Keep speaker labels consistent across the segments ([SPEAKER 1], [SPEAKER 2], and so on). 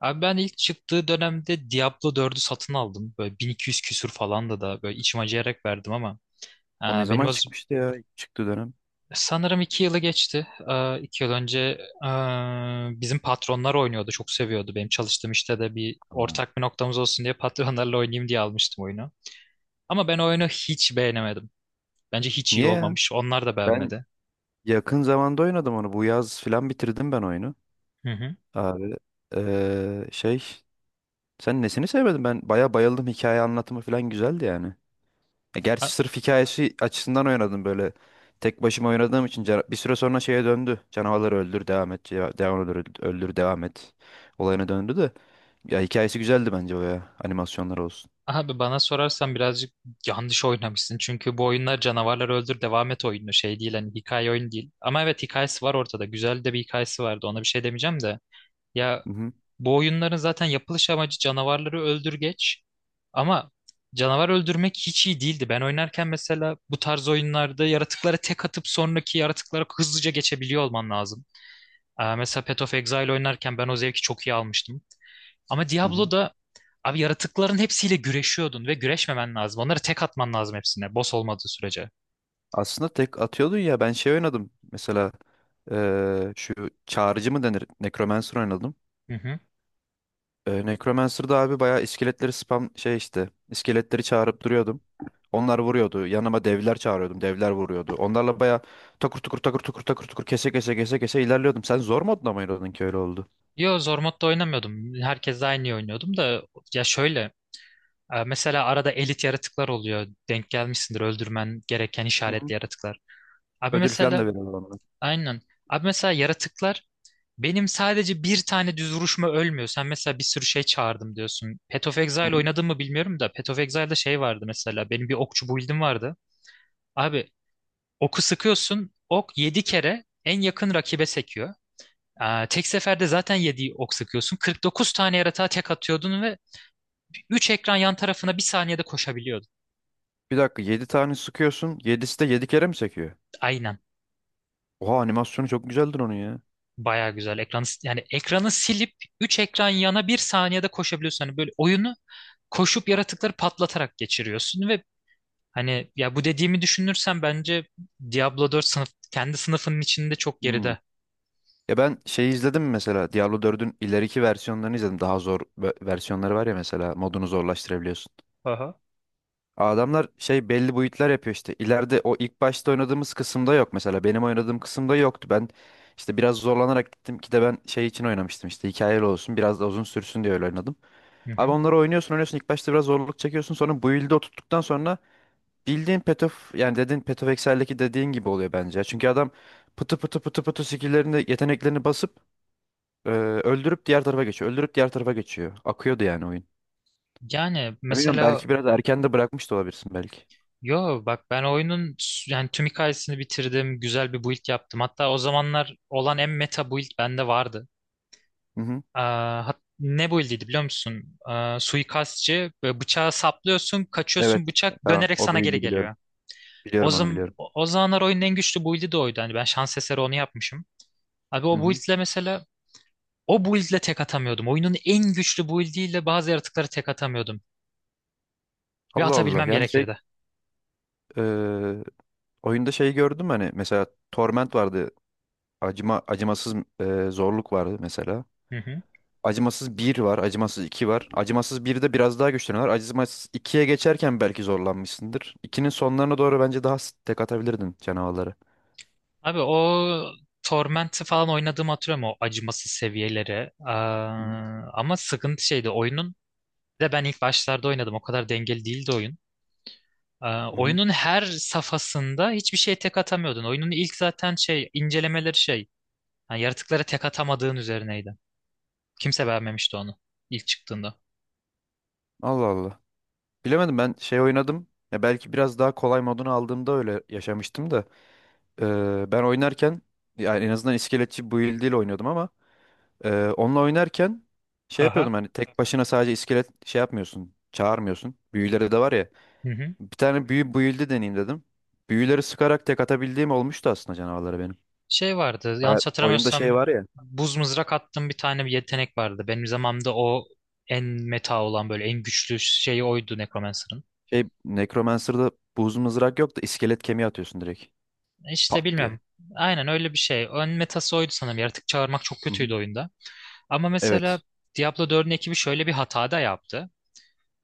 [SPEAKER 1] Abi ben ilk çıktığı dönemde Diablo 4'ü satın aldım. Böyle 1200 küsür falan da böyle içim acıyarak verdim ama
[SPEAKER 2] O ne
[SPEAKER 1] benim
[SPEAKER 2] zaman
[SPEAKER 1] az
[SPEAKER 2] çıkmıştı ya? Çıktı dönem.
[SPEAKER 1] sanırım 2 yılı geçti. 2 yıl önce bizim patronlar oynuyordu. Çok seviyordu. Benim çalıştığım işte de bir
[SPEAKER 2] Aa,
[SPEAKER 1] ortak bir noktamız olsun diye patronlarla oynayayım diye almıştım oyunu. Ama ben oyunu hiç beğenemedim. Bence hiç iyi
[SPEAKER 2] niye ya?
[SPEAKER 1] olmamış. Onlar da
[SPEAKER 2] Ben
[SPEAKER 1] beğenmedi.
[SPEAKER 2] yakın zamanda oynadım onu. Bu yaz filan bitirdim ben oyunu.
[SPEAKER 1] Hı
[SPEAKER 2] Abi şey sen nesini sevmedin? Ben baya bayıldım. Hikaye anlatımı filan güzeldi yani. E,
[SPEAKER 1] hı.
[SPEAKER 2] gerçi sırf hikayesi açısından oynadım böyle. Tek başıma oynadığım için bir süre sonra şeye döndü. Canavarları öldür devam et. Devam öldür, öldür devam et. Olayına döndü de. Ya hikayesi güzeldi bence o ya. Animasyonlar olsun.
[SPEAKER 1] Abi bana sorarsan birazcık yanlış oynamışsın. Çünkü bu oyunlar canavarlar öldür devam et oyunu, şey değil, hani hikaye oyun değil. Ama evet, hikayesi var ortada. Güzel de bir hikayesi vardı. Ona bir şey demeyeceğim de. Ya
[SPEAKER 2] Hı hı.
[SPEAKER 1] bu oyunların zaten yapılış amacı canavarları öldür geç. Ama canavar öldürmek hiç iyi değildi. Ben oynarken mesela bu tarz oyunlarda yaratıklara tek atıp sonraki yaratıklara hızlıca geçebiliyor olman lazım. Aa, mesela Path of Exile oynarken ben o zevki çok iyi almıştım. Ama
[SPEAKER 2] Hı hı.
[SPEAKER 1] Diablo'da abi, yaratıkların hepsiyle güreşiyordun ve güreşmemen lazım. Onları tek atman lazım hepsine, boss olmadığı sürece.
[SPEAKER 2] Aslında tek atıyordun ya ben şey oynadım. Mesela şu çağrıcı mı denir? Necromancer oynadım.
[SPEAKER 1] Hı hı.
[SPEAKER 2] Necromancer'da abi bayağı iskeletleri spam şey işte. İskeletleri çağırıp duruyordum. Onlar vuruyordu. Yanıma devler çağırıyordum. Devler vuruyordu. Onlarla bayağı takır tukur takır tukur takır tukur kese kese kese kese ilerliyordum. Sen zor modda mı oynadın ki öyle oldu?
[SPEAKER 1] Yo, zor modda oynamıyordum. Herkesle aynı oynuyordum da, ya şöyle, mesela arada elit yaratıklar oluyor. Denk gelmişsindir, öldürmen gereken
[SPEAKER 2] Hı
[SPEAKER 1] işaretli
[SPEAKER 2] hı.
[SPEAKER 1] yaratıklar. Abi
[SPEAKER 2] Ödül falan
[SPEAKER 1] mesela,
[SPEAKER 2] da veriyorlar ona.
[SPEAKER 1] aynen. Abi mesela yaratıklar, benim sadece bir tane düz vuruşma ölmüyor. Sen mesela bir sürü şey çağırdım diyorsun. Path of
[SPEAKER 2] Hı
[SPEAKER 1] Exile
[SPEAKER 2] hı.
[SPEAKER 1] oynadın mı bilmiyorum da, Path of Exile'da şey vardı mesela. Benim bir okçu build'im vardı. Abi oku sıkıyorsun. Ok 7 kere en yakın rakibe sekiyor. Aa, tek seferde zaten 7 ok sıkıyorsun. 49 tane yaratığa tek atıyordun ve 3 ekran yan tarafına bir saniyede koşabiliyordun.
[SPEAKER 2] Bir dakika 7 tane sıkıyorsun. 7'si de 7 kere mi sekiyor?
[SPEAKER 1] Aynen.
[SPEAKER 2] Oha, animasyonu çok güzeldir onun ya.
[SPEAKER 1] Baya güzel. Ekranı, yani ekranı silip 3 ekran yana bir saniyede koşabiliyorsun. Hani böyle oyunu koşup yaratıkları patlatarak geçiriyorsun ve hani, ya bu dediğimi düşünürsen bence Diablo 4 sınıf, kendi sınıfının içinde çok
[SPEAKER 2] Hmm.
[SPEAKER 1] geride.
[SPEAKER 2] Ya ben şeyi izledim mesela Diablo 4'ün ileriki versiyonlarını izledim. Daha zor versiyonları var ya mesela modunu zorlaştırabiliyorsun.
[SPEAKER 1] Aha.
[SPEAKER 2] Adamlar şey belli boyutlar yapıyor işte. İleride o ilk başta oynadığımız kısımda yok mesela. Benim oynadığım kısımda yoktu. Ben işte biraz zorlanarak gittim ki de ben şey için oynamıştım işte hikayeli olsun biraz da uzun sürsün diye öyle oynadım.
[SPEAKER 1] Hı
[SPEAKER 2] Abi
[SPEAKER 1] hı.
[SPEAKER 2] onları oynuyorsun oynuyorsun ilk başta biraz zorluk çekiyorsun sonra build'e oturttuktan sonra bildiğin Path of yani dediğin Path of Excel'deki dediğin gibi oluyor bence. Çünkü adam pıtı pıtı pıtı pıtı skill'lerini yeteneklerini basıp öldürüp diğer tarafa geçiyor. Öldürüp diğer tarafa geçiyor. Akıyordu yani oyun.
[SPEAKER 1] Yani
[SPEAKER 2] Ya bilmiyorum,
[SPEAKER 1] mesela,
[SPEAKER 2] belki biraz erken de bırakmış da olabilirsin belki.
[SPEAKER 1] yo bak, ben oyunun yani tüm hikayesini bitirdim. Güzel bir build yaptım. Hatta o zamanlar olan en meta build bende vardı.
[SPEAKER 2] Hı hı.
[SPEAKER 1] Aa, ne build'iydi biliyor musun? Aa, suikastçı, böyle bıçağı saplıyorsun,
[SPEAKER 2] Evet.
[SPEAKER 1] kaçıyorsun, bıçak
[SPEAKER 2] Tamam.
[SPEAKER 1] dönerek
[SPEAKER 2] O
[SPEAKER 1] sana geri
[SPEAKER 2] büyüldü biliyorum.
[SPEAKER 1] geliyor. O,
[SPEAKER 2] Biliyorum onu,
[SPEAKER 1] zam
[SPEAKER 2] biliyorum.
[SPEAKER 1] o o zamanlar oyunun en güçlü build'i de oydu. Hani ben şans eseri onu yapmışım. Abi
[SPEAKER 2] Hı
[SPEAKER 1] o
[SPEAKER 2] hı.
[SPEAKER 1] build'le mesela, o build'le tek atamıyordum. Oyunun en güçlü build'iyle bazı yaratıkları tek atamıyordum. Ve
[SPEAKER 2] Allah Allah.
[SPEAKER 1] atabilmem
[SPEAKER 2] Yani şey
[SPEAKER 1] gerekirdi.
[SPEAKER 2] e, oyunda şeyi gördüm, hani mesela Torment vardı. Acımasız zorluk vardı mesela.
[SPEAKER 1] Hı hı.
[SPEAKER 2] Acımasız bir var, acımasız 2 var. Acımasız birde biraz daha güçleniyorlar. Acımasız ikiye geçerken belki zorlanmışsındır. 2'nin sonlarına doğru bence daha tek atabilirdin canavarları.
[SPEAKER 1] Abi o Torment'i falan oynadığımı hatırlıyorum, o acımasız seviyeleri.
[SPEAKER 2] Hı
[SPEAKER 1] Aa,
[SPEAKER 2] hı.
[SPEAKER 1] ama sıkıntı şeydi oyunun. Bir de ben ilk başlarda oynadım. O kadar dengeli değildi oyun. Aa,
[SPEAKER 2] Hı hı.
[SPEAKER 1] oyunun her safhasında hiçbir şey tek atamıyordun. Oyunun ilk zaten şey incelemeleri şey. Yani yaratıklara tek atamadığın üzerineydi. Kimse beğenmemişti onu ilk çıktığında.
[SPEAKER 2] Allah Allah. Bilemedim, ben şey oynadım. Ya belki biraz daha kolay modunu aldığımda öyle yaşamıştım da. Ben oynarken yani en azından iskeletçi build ile oynuyordum ama onunla oynarken şey
[SPEAKER 1] Haha.
[SPEAKER 2] yapıyordum, hani tek başına sadece iskelet şey yapmıyorsun. Çağırmıyorsun. Büyüleri de var ya. Bir tane büyü build'i deneyeyim dedim. Büyüleri sıkarak tek atabildiğim olmuştu aslında canavarlara benim.
[SPEAKER 1] Şey vardı
[SPEAKER 2] Ha,
[SPEAKER 1] yanlış
[SPEAKER 2] oyunda şey
[SPEAKER 1] hatırlamıyorsam,
[SPEAKER 2] var ya.
[SPEAKER 1] buz mızrak attığım bir tane bir yetenek vardı. Benim zamanımda o en meta olan, böyle en güçlü şeyi oydu Necromancer'ın.
[SPEAKER 2] Şey Necromancer'da buz mızrak yok da iskelet kemiği atıyorsun direkt.
[SPEAKER 1] İşte
[SPEAKER 2] Pat diye.
[SPEAKER 1] bilmiyorum. Aynen öyle bir şey. Ön metası oydu sanırım. Yaratık çağırmak çok
[SPEAKER 2] Hı
[SPEAKER 1] kötüydü
[SPEAKER 2] hı.
[SPEAKER 1] oyunda. Ama mesela
[SPEAKER 2] Evet.
[SPEAKER 1] Diablo 4'ün ekibi şöyle bir hata da yaptı.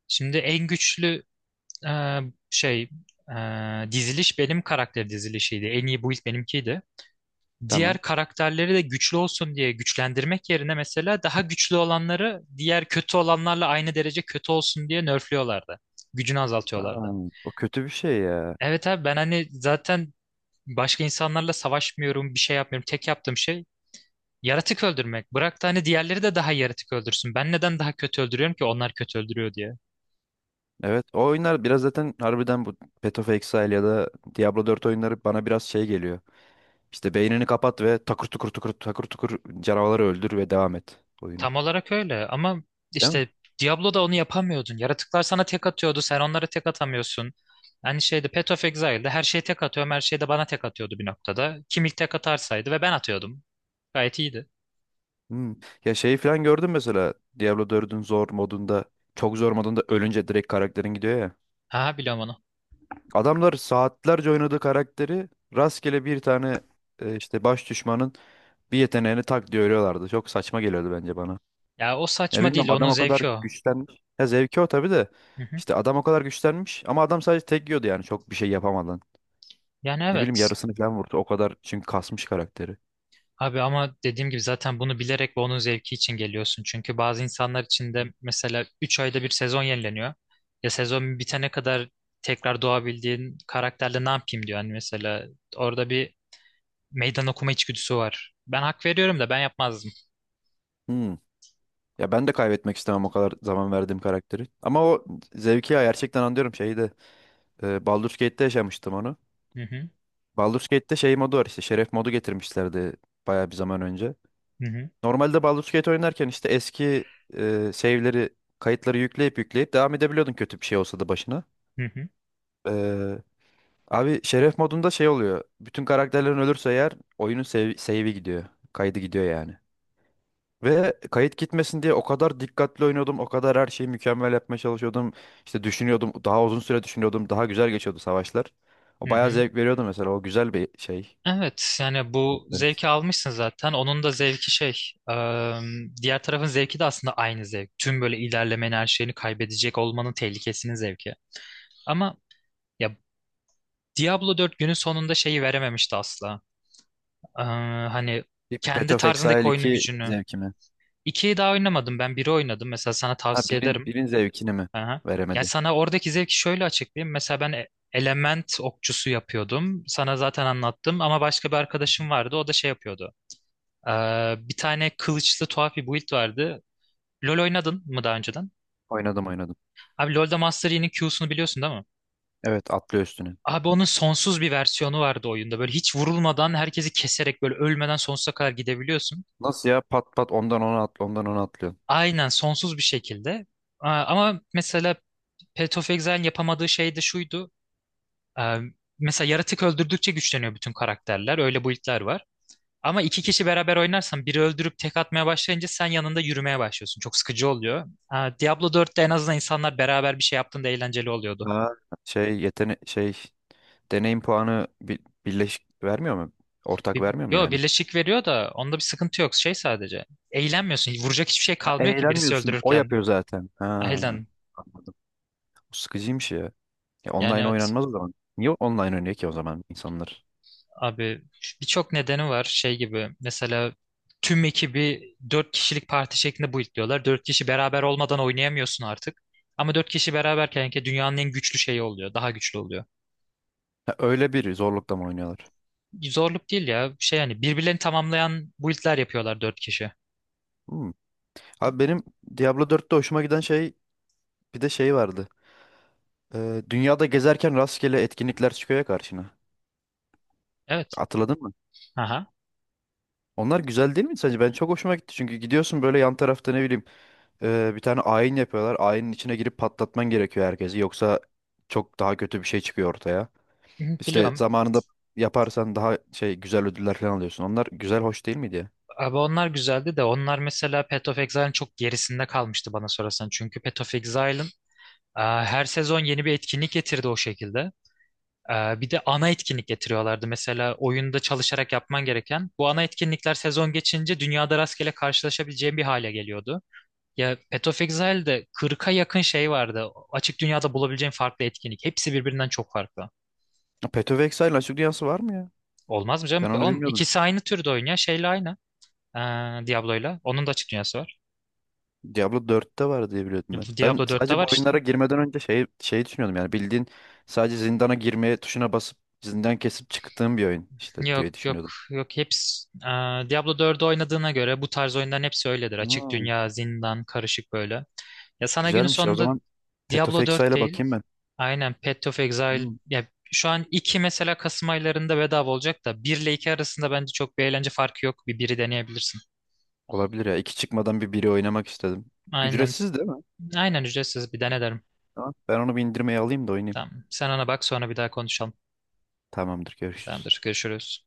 [SPEAKER 1] Şimdi en güçlü e, şey diziliş benim karakter dizilişiydi. En iyi build benimkiydi. Diğer
[SPEAKER 2] Tamam.
[SPEAKER 1] karakterleri de güçlü olsun diye güçlendirmek yerine, mesela daha güçlü olanları diğer kötü olanlarla aynı derece kötü olsun diye nerfliyorlardı. Gücünü
[SPEAKER 2] Aa,
[SPEAKER 1] azaltıyorlardı.
[SPEAKER 2] o kötü bir şey ya.
[SPEAKER 1] Evet abi, ben hani zaten başka insanlarla savaşmıyorum, bir şey yapmıyorum. Tek yaptığım şey yaratık öldürmek. Bırak da hani diğerleri de daha yaratık öldürsün. Ben neden daha kötü öldürüyorum ki, onlar kötü öldürüyor diye.
[SPEAKER 2] Evet, o oyunlar biraz zaten harbiden bu Path of Exile ya da Diablo 4 oyunları bana biraz şey geliyor. İşte beynini kapat ve takır tukur tukur takır tukur canavarları öldür ve devam et oyunu.
[SPEAKER 1] Tam olarak öyle ama
[SPEAKER 2] Değil mi?
[SPEAKER 1] işte Diablo'da onu yapamıyordun. Yaratıklar sana tek atıyordu, sen onlara tek atamıyorsun. Aynı şeyde Path of Exile'de her şeye tek atıyorum, her şey de bana tek atıyordu bir noktada. Kim ilk tek atarsaydı, ve ben atıyordum. Gayet iyiydi.
[SPEAKER 2] Hmm. Ya şeyi falan gördün mesela Diablo 4'ün zor modunda, çok zor modunda ölünce direkt karakterin gidiyor ya.
[SPEAKER 1] Ha, biliyorum onu.
[SPEAKER 2] Adamlar saatlerce oynadığı karakteri rastgele bir tane işte baş düşmanın bir yeteneğini tak diye örüyorlardı. Çok saçma geliyordu bence bana.
[SPEAKER 1] Ya o
[SPEAKER 2] Ya
[SPEAKER 1] saçma değil,
[SPEAKER 2] bilmiyorum,
[SPEAKER 1] onun
[SPEAKER 2] adam o kadar
[SPEAKER 1] zevki o.
[SPEAKER 2] güçlenmiş. Ya zevki o tabii de.
[SPEAKER 1] Hı hı.
[SPEAKER 2] İşte adam o kadar güçlenmiş ama adam sadece tek yiyordu yani çok bir şey yapamadan.
[SPEAKER 1] Yani
[SPEAKER 2] Ne bileyim
[SPEAKER 1] evet.
[SPEAKER 2] yarısını falan vurdu o kadar çünkü kasmış karakteri.
[SPEAKER 1] Abi ama dediğim gibi zaten bunu bilerek ve onun zevki için geliyorsun. Çünkü bazı insanlar için de mesela 3 ayda bir sezon yenileniyor. Ya sezon bitene kadar tekrar doğabildiğin karakterle ne yapayım diyor. Hani mesela, orada bir meydan okuma içgüdüsü var. Ben hak veriyorum da, ben yapmazdım.
[SPEAKER 2] Hmm. Ya ben de kaybetmek istemem o kadar zaman verdiğim karakteri. Ama o zevki ya gerçekten anlıyorum şeyi de. E, Baldur's Gate'te yaşamıştım onu.
[SPEAKER 1] Hı hı,
[SPEAKER 2] Baldur's Gate'te şey modu var, işte şeref modu getirmişlerdi bayağı bir zaman önce.
[SPEAKER 1] hı hı,
[SPEAKER 2] Normalde Baldur's Gate oynarken işte eski save'leri, kayıtları yükleyip yükleyip devam edebiliyordun kötü bir şey olsa da başına.
[SPEAKER 1] hı hı,
[SPEAKER 2] Ee, Abi şeref modunda şey oluyor. Bütün karakterlerin ölürse eğer oyunun save'i gidiyor. Kaydı gidiyor yani. Ve kayıt gitmesin diye o kadar dikkatli oynuyordum. O kadar her şeyi mükemmel yapmaya çalışıyordum. İşte düşünüyordum. Daha uzun süre düşünüyordum. Daha güzel geçiyordu savaşlar. O
[SPEAKER 1] hı
[SPEAKER 2] bayağı
[SPEAKER 1] hı.
[SPEAKER 2] zevk veriyordu mesela. O güzel bir şey.
[SPEAKER 1] Evet yani bu
[SPEAKER 2] Evet.
[SPEAKER 1] zevki almışsın zaten. Onun da zevki şey, eee, diğer tarafın zevki de aslında aynı zevk. Tüm böyle ilerlemenin, her şeyini kaybedecek olmanın tehlikesinin zevki. Ama ya, Diablo 4 günün sonunda şeyi verememişti asla. Hani
[SPEAKER 2] Bir Path
[SPEAKER 1] kendi
[SPEAKER 2] of
[SPEAKER 1] tarzındaki
[SPEAKER 2] Exile
[SPEAKER 1] oyunun
[SPEAKER 2] 2
[SPEAKER 1] gücünü.
[SPEAKER 2] zevkimi.
[SPEAKER 1] 2'yi daha oynamadım, ben biri oynadım. Mesela sana
[SPEAKER 2] Ha,
[SPEAKER 1] tavsiye
[SPEAKER 2] birin,
[SPEAKER 1] ederim.
[SPEAKER 2] birin zevkini mi
[SPEAKER 1] Aha. Yani
[SPEAKER 2] veremedi?
[SPEAKER 1] sana oradaki zevki şöyle açıklayayım. Mesela ben element okçusu yapıyordum. Sana zaten anlattım ama başka bir arkadaşım vardı. O da şey yapıyordu. Bir tane kılıçlı tuhaf bir build vardı. LoL oynadın mı daha önceden?
[SPEAKER 2] Oynadım oynadım.
[SPEAKER 1] Abi LoL'da Master Yi'nin Q'sunu biliyorsun değil mi?
[SPEAKER 2] Evet, atlıyor üstüne.
[SPEAKER 1] Abi onun sonsuz bir versiyonu vardı oyunda. Böyle hiç vurulmadan herkesi keserek, böyle ölmeden sonsuza kadar gidebiliyorsun.
[SPEAKER 2] Nasıl ya, pat pat ondan ona atlıyor.
[SPEAKER 1] Aynen sonsuz bir şekilde. Aa, ama mesela Path of Exile'in yapamadığı şey de şuydu. Ee, Mesela yaratık öldürdükçe güçleniyor bütün karakterler. Öyle build'ler var. Ama iki kişi beraber oynarsan, biri öldürüp tek atmaya başlayınca sen yanında yürümeye başlıyorsun. Çok sıkıcı oluyor. Aa, Diablo 4'te en azından insanlar beraber bir şey yaptığında eğlenceli oluyordu.
[SPEAKER 2] Ha. Şey yetenek şey deneyim puanı birleşik vermiyor mu? Ortak
[SPEAKER 1] Bir,
[SPEAKER 2] vermiyor mu
[SPEAKER 1] yo
[SPEAKER 2] yani?
[SPEAKER 1] birleşik veriyor da onda bir sıkıntı yok. Şey sadece. Eğlenmiyorsun. Vuracak hiçbir şey
[SPEAKER 2] Ha,
[SPEAKER 1] kalmıyor ki, birisi
[SPEAKER 2] eğlenmiyorsun. O
[SPEAKER 1] öldürürken.
[SPEAKER 2] yapıyor zaten. Ha,
[SPEAKER 1] Aynen.
[SPEAKER 2] anladım. Bu sıkıcıymış ya. Ya
[SPEAKER 1] Yani
[SPEAKER 2] online
[SPEAKER 1] evet.
[SPEAKER 2] oynanmaz o zaman. Niye online oynuyor ki o zaman insanlar?
[SPEAKER 1] Abi birçok nedeni var. Şey gibi mesela, tüm ekibi dört kişilik parti şeklinde buildliyorlar. Dört kişi beraber olmadan oynayamıyorsun artık. Ama dört kişi beraberken ki dünyanın en güçlü şeyi oluyor. Daha güçlü oluyor.
[SPEAKER 2] Ha, öyle bir zorlukla mı oynuyorlar?
[SPEAKER 1] Zorluk değil ya. Şey, yani birbirlerini tamamlayan buildler yapıyorlar dört kişi.
[SPEAKER 2] Hmm. Abi benim Diablo 4'te hoşuma giden şey, bir de şey vardı. Dünyada gezerken rastgele etkinlikler çıkıyor ya karşına.
[SPEAKER 1] Evet.
[SPEAKER 2] Hatırladın mı?
[SPEAKER 1] Aha.
[SPEAKER 2] Onlar güzel değil mi sence? Ben çok hoşuma gitti çünkü gidiyorsun böyle yan tarafta, ne bileyim bir tane ayin yapıyorlar. Ayinin içine girip patlatman gerekiyor herkesi. Yoksa çok daha kötü bir şey çıkıyor ortaya.
[SPEAKER 1] Hı,
[SPEAKER 2] İşte
[SPEAKER 1] biliyorum.
[SPEAKER 2] zamanında yaparsan daha şey güzel ödüller falan alıyorsun. Onlar güzel, hoş değil miydi ya?
[SPEAKER 1] Abi onlar güzeldi de, onlar mesela Path of Exile'ın çok gerisinde kalmıştı bana sorarsan. Çünkü Path of Exile'ın her sezon yeni bir etkinlik getirdi o şekilde. E, Bir de ana etkinlik getiriyorlardı. Mesela oyunda çalışarak yapman gereken bu ana etkinlikler, sezon geçince dünyada rastgele karşılaşabileceğin bir hale geliyordu. Ya Path of Exile'de 40'a yakın şey vardı. Açık dünyada bulabileceğin farklı etkinlik. Hepsi birbirinden çok farklı.
[SPEAKER 2] Ya Path of Exile'ın açık dünyası var mı ya?
[SPEAKER 1] Olmaz mı canım?
[SPEAKER 2] Ben onu
[SPEAKER 1] Oğlum,
[SPEAKER 2] bilmiyordum.
[SPEAKER 1] ikisi aynı türde oyun ya. Şeyle aynı. E, Diablo'yla. Onun da açık dünyası var.
[SPEAKER 2] Diablo 4'te var diye biliyordum ben. Ben
[SPEAKER 1] Diablo 4'te
[SPEAKER 2] sadece bu
[SPEAKER 1] var işte.
[SPEAKER 2] oyunlara girmeden önce şey düşünüyordum yani bildiğin sadece zindana girmeye tuşuna basıp zindan kesip çıktığım bir oyun işte
[SPEAKER 1] Yok
[SPEAKER 2] diye
[SPEAKER 1] yok
[SPEAKER 2] düşünüyordum.
[SPEAKER 1] yok, hepsi. Aa, Diablo 4'ü oynadığına göre bu tarz oyunların hepsi öyledir. Açık
[SPEAKER 2] Ha.
[SPEAKER 1] dünya, zindan, karışık böyle. Ya sana günün
[SPEAKER 2] Güzelmiş ya. O
[SPEAKER 1] sonunda,
[SPEAKER 2] zaman
[SPEAKER 1] Diablo
[SPEAKER 2] Petofex'a
[SPEAKER 1] 4
[SPEAKER 2] ile
[SPEAKER 1] değil,
[SPEAKER 2] bakayım ben.
[SPEAKER 1] aynen Path of Exile.
[SPEAKER 2] Hmm,
[SPEAKER 1] Ya şu an 2 mesela, Kasım aylarında bedava olacak da, 1 ile 2 arasında bence çok bir eğlence farkı yok. Bir, biri deneyebilirsin.
[SPEAKER 2] olabilir ya. 2 çıkmadan bir biri oynamak istedim.
[SPEAKER 1] Aynen.
[SPEAKER 2] Ücretsiz değil mi?
[SPEAKER 1] Aynen ücretsiz, bir dene derim.
[SPEAKER 2] Tamam. Ben onu bir indirmeye alayım da oynayayım.
[SPEAKER 1] Tamam. Sen ona bak, sonra bir daha konuşalım.
[SPEAKER 2] Tamamdır. Görüşürüz.
[SPEAKER 1] Tamamdır. Görüşürüz.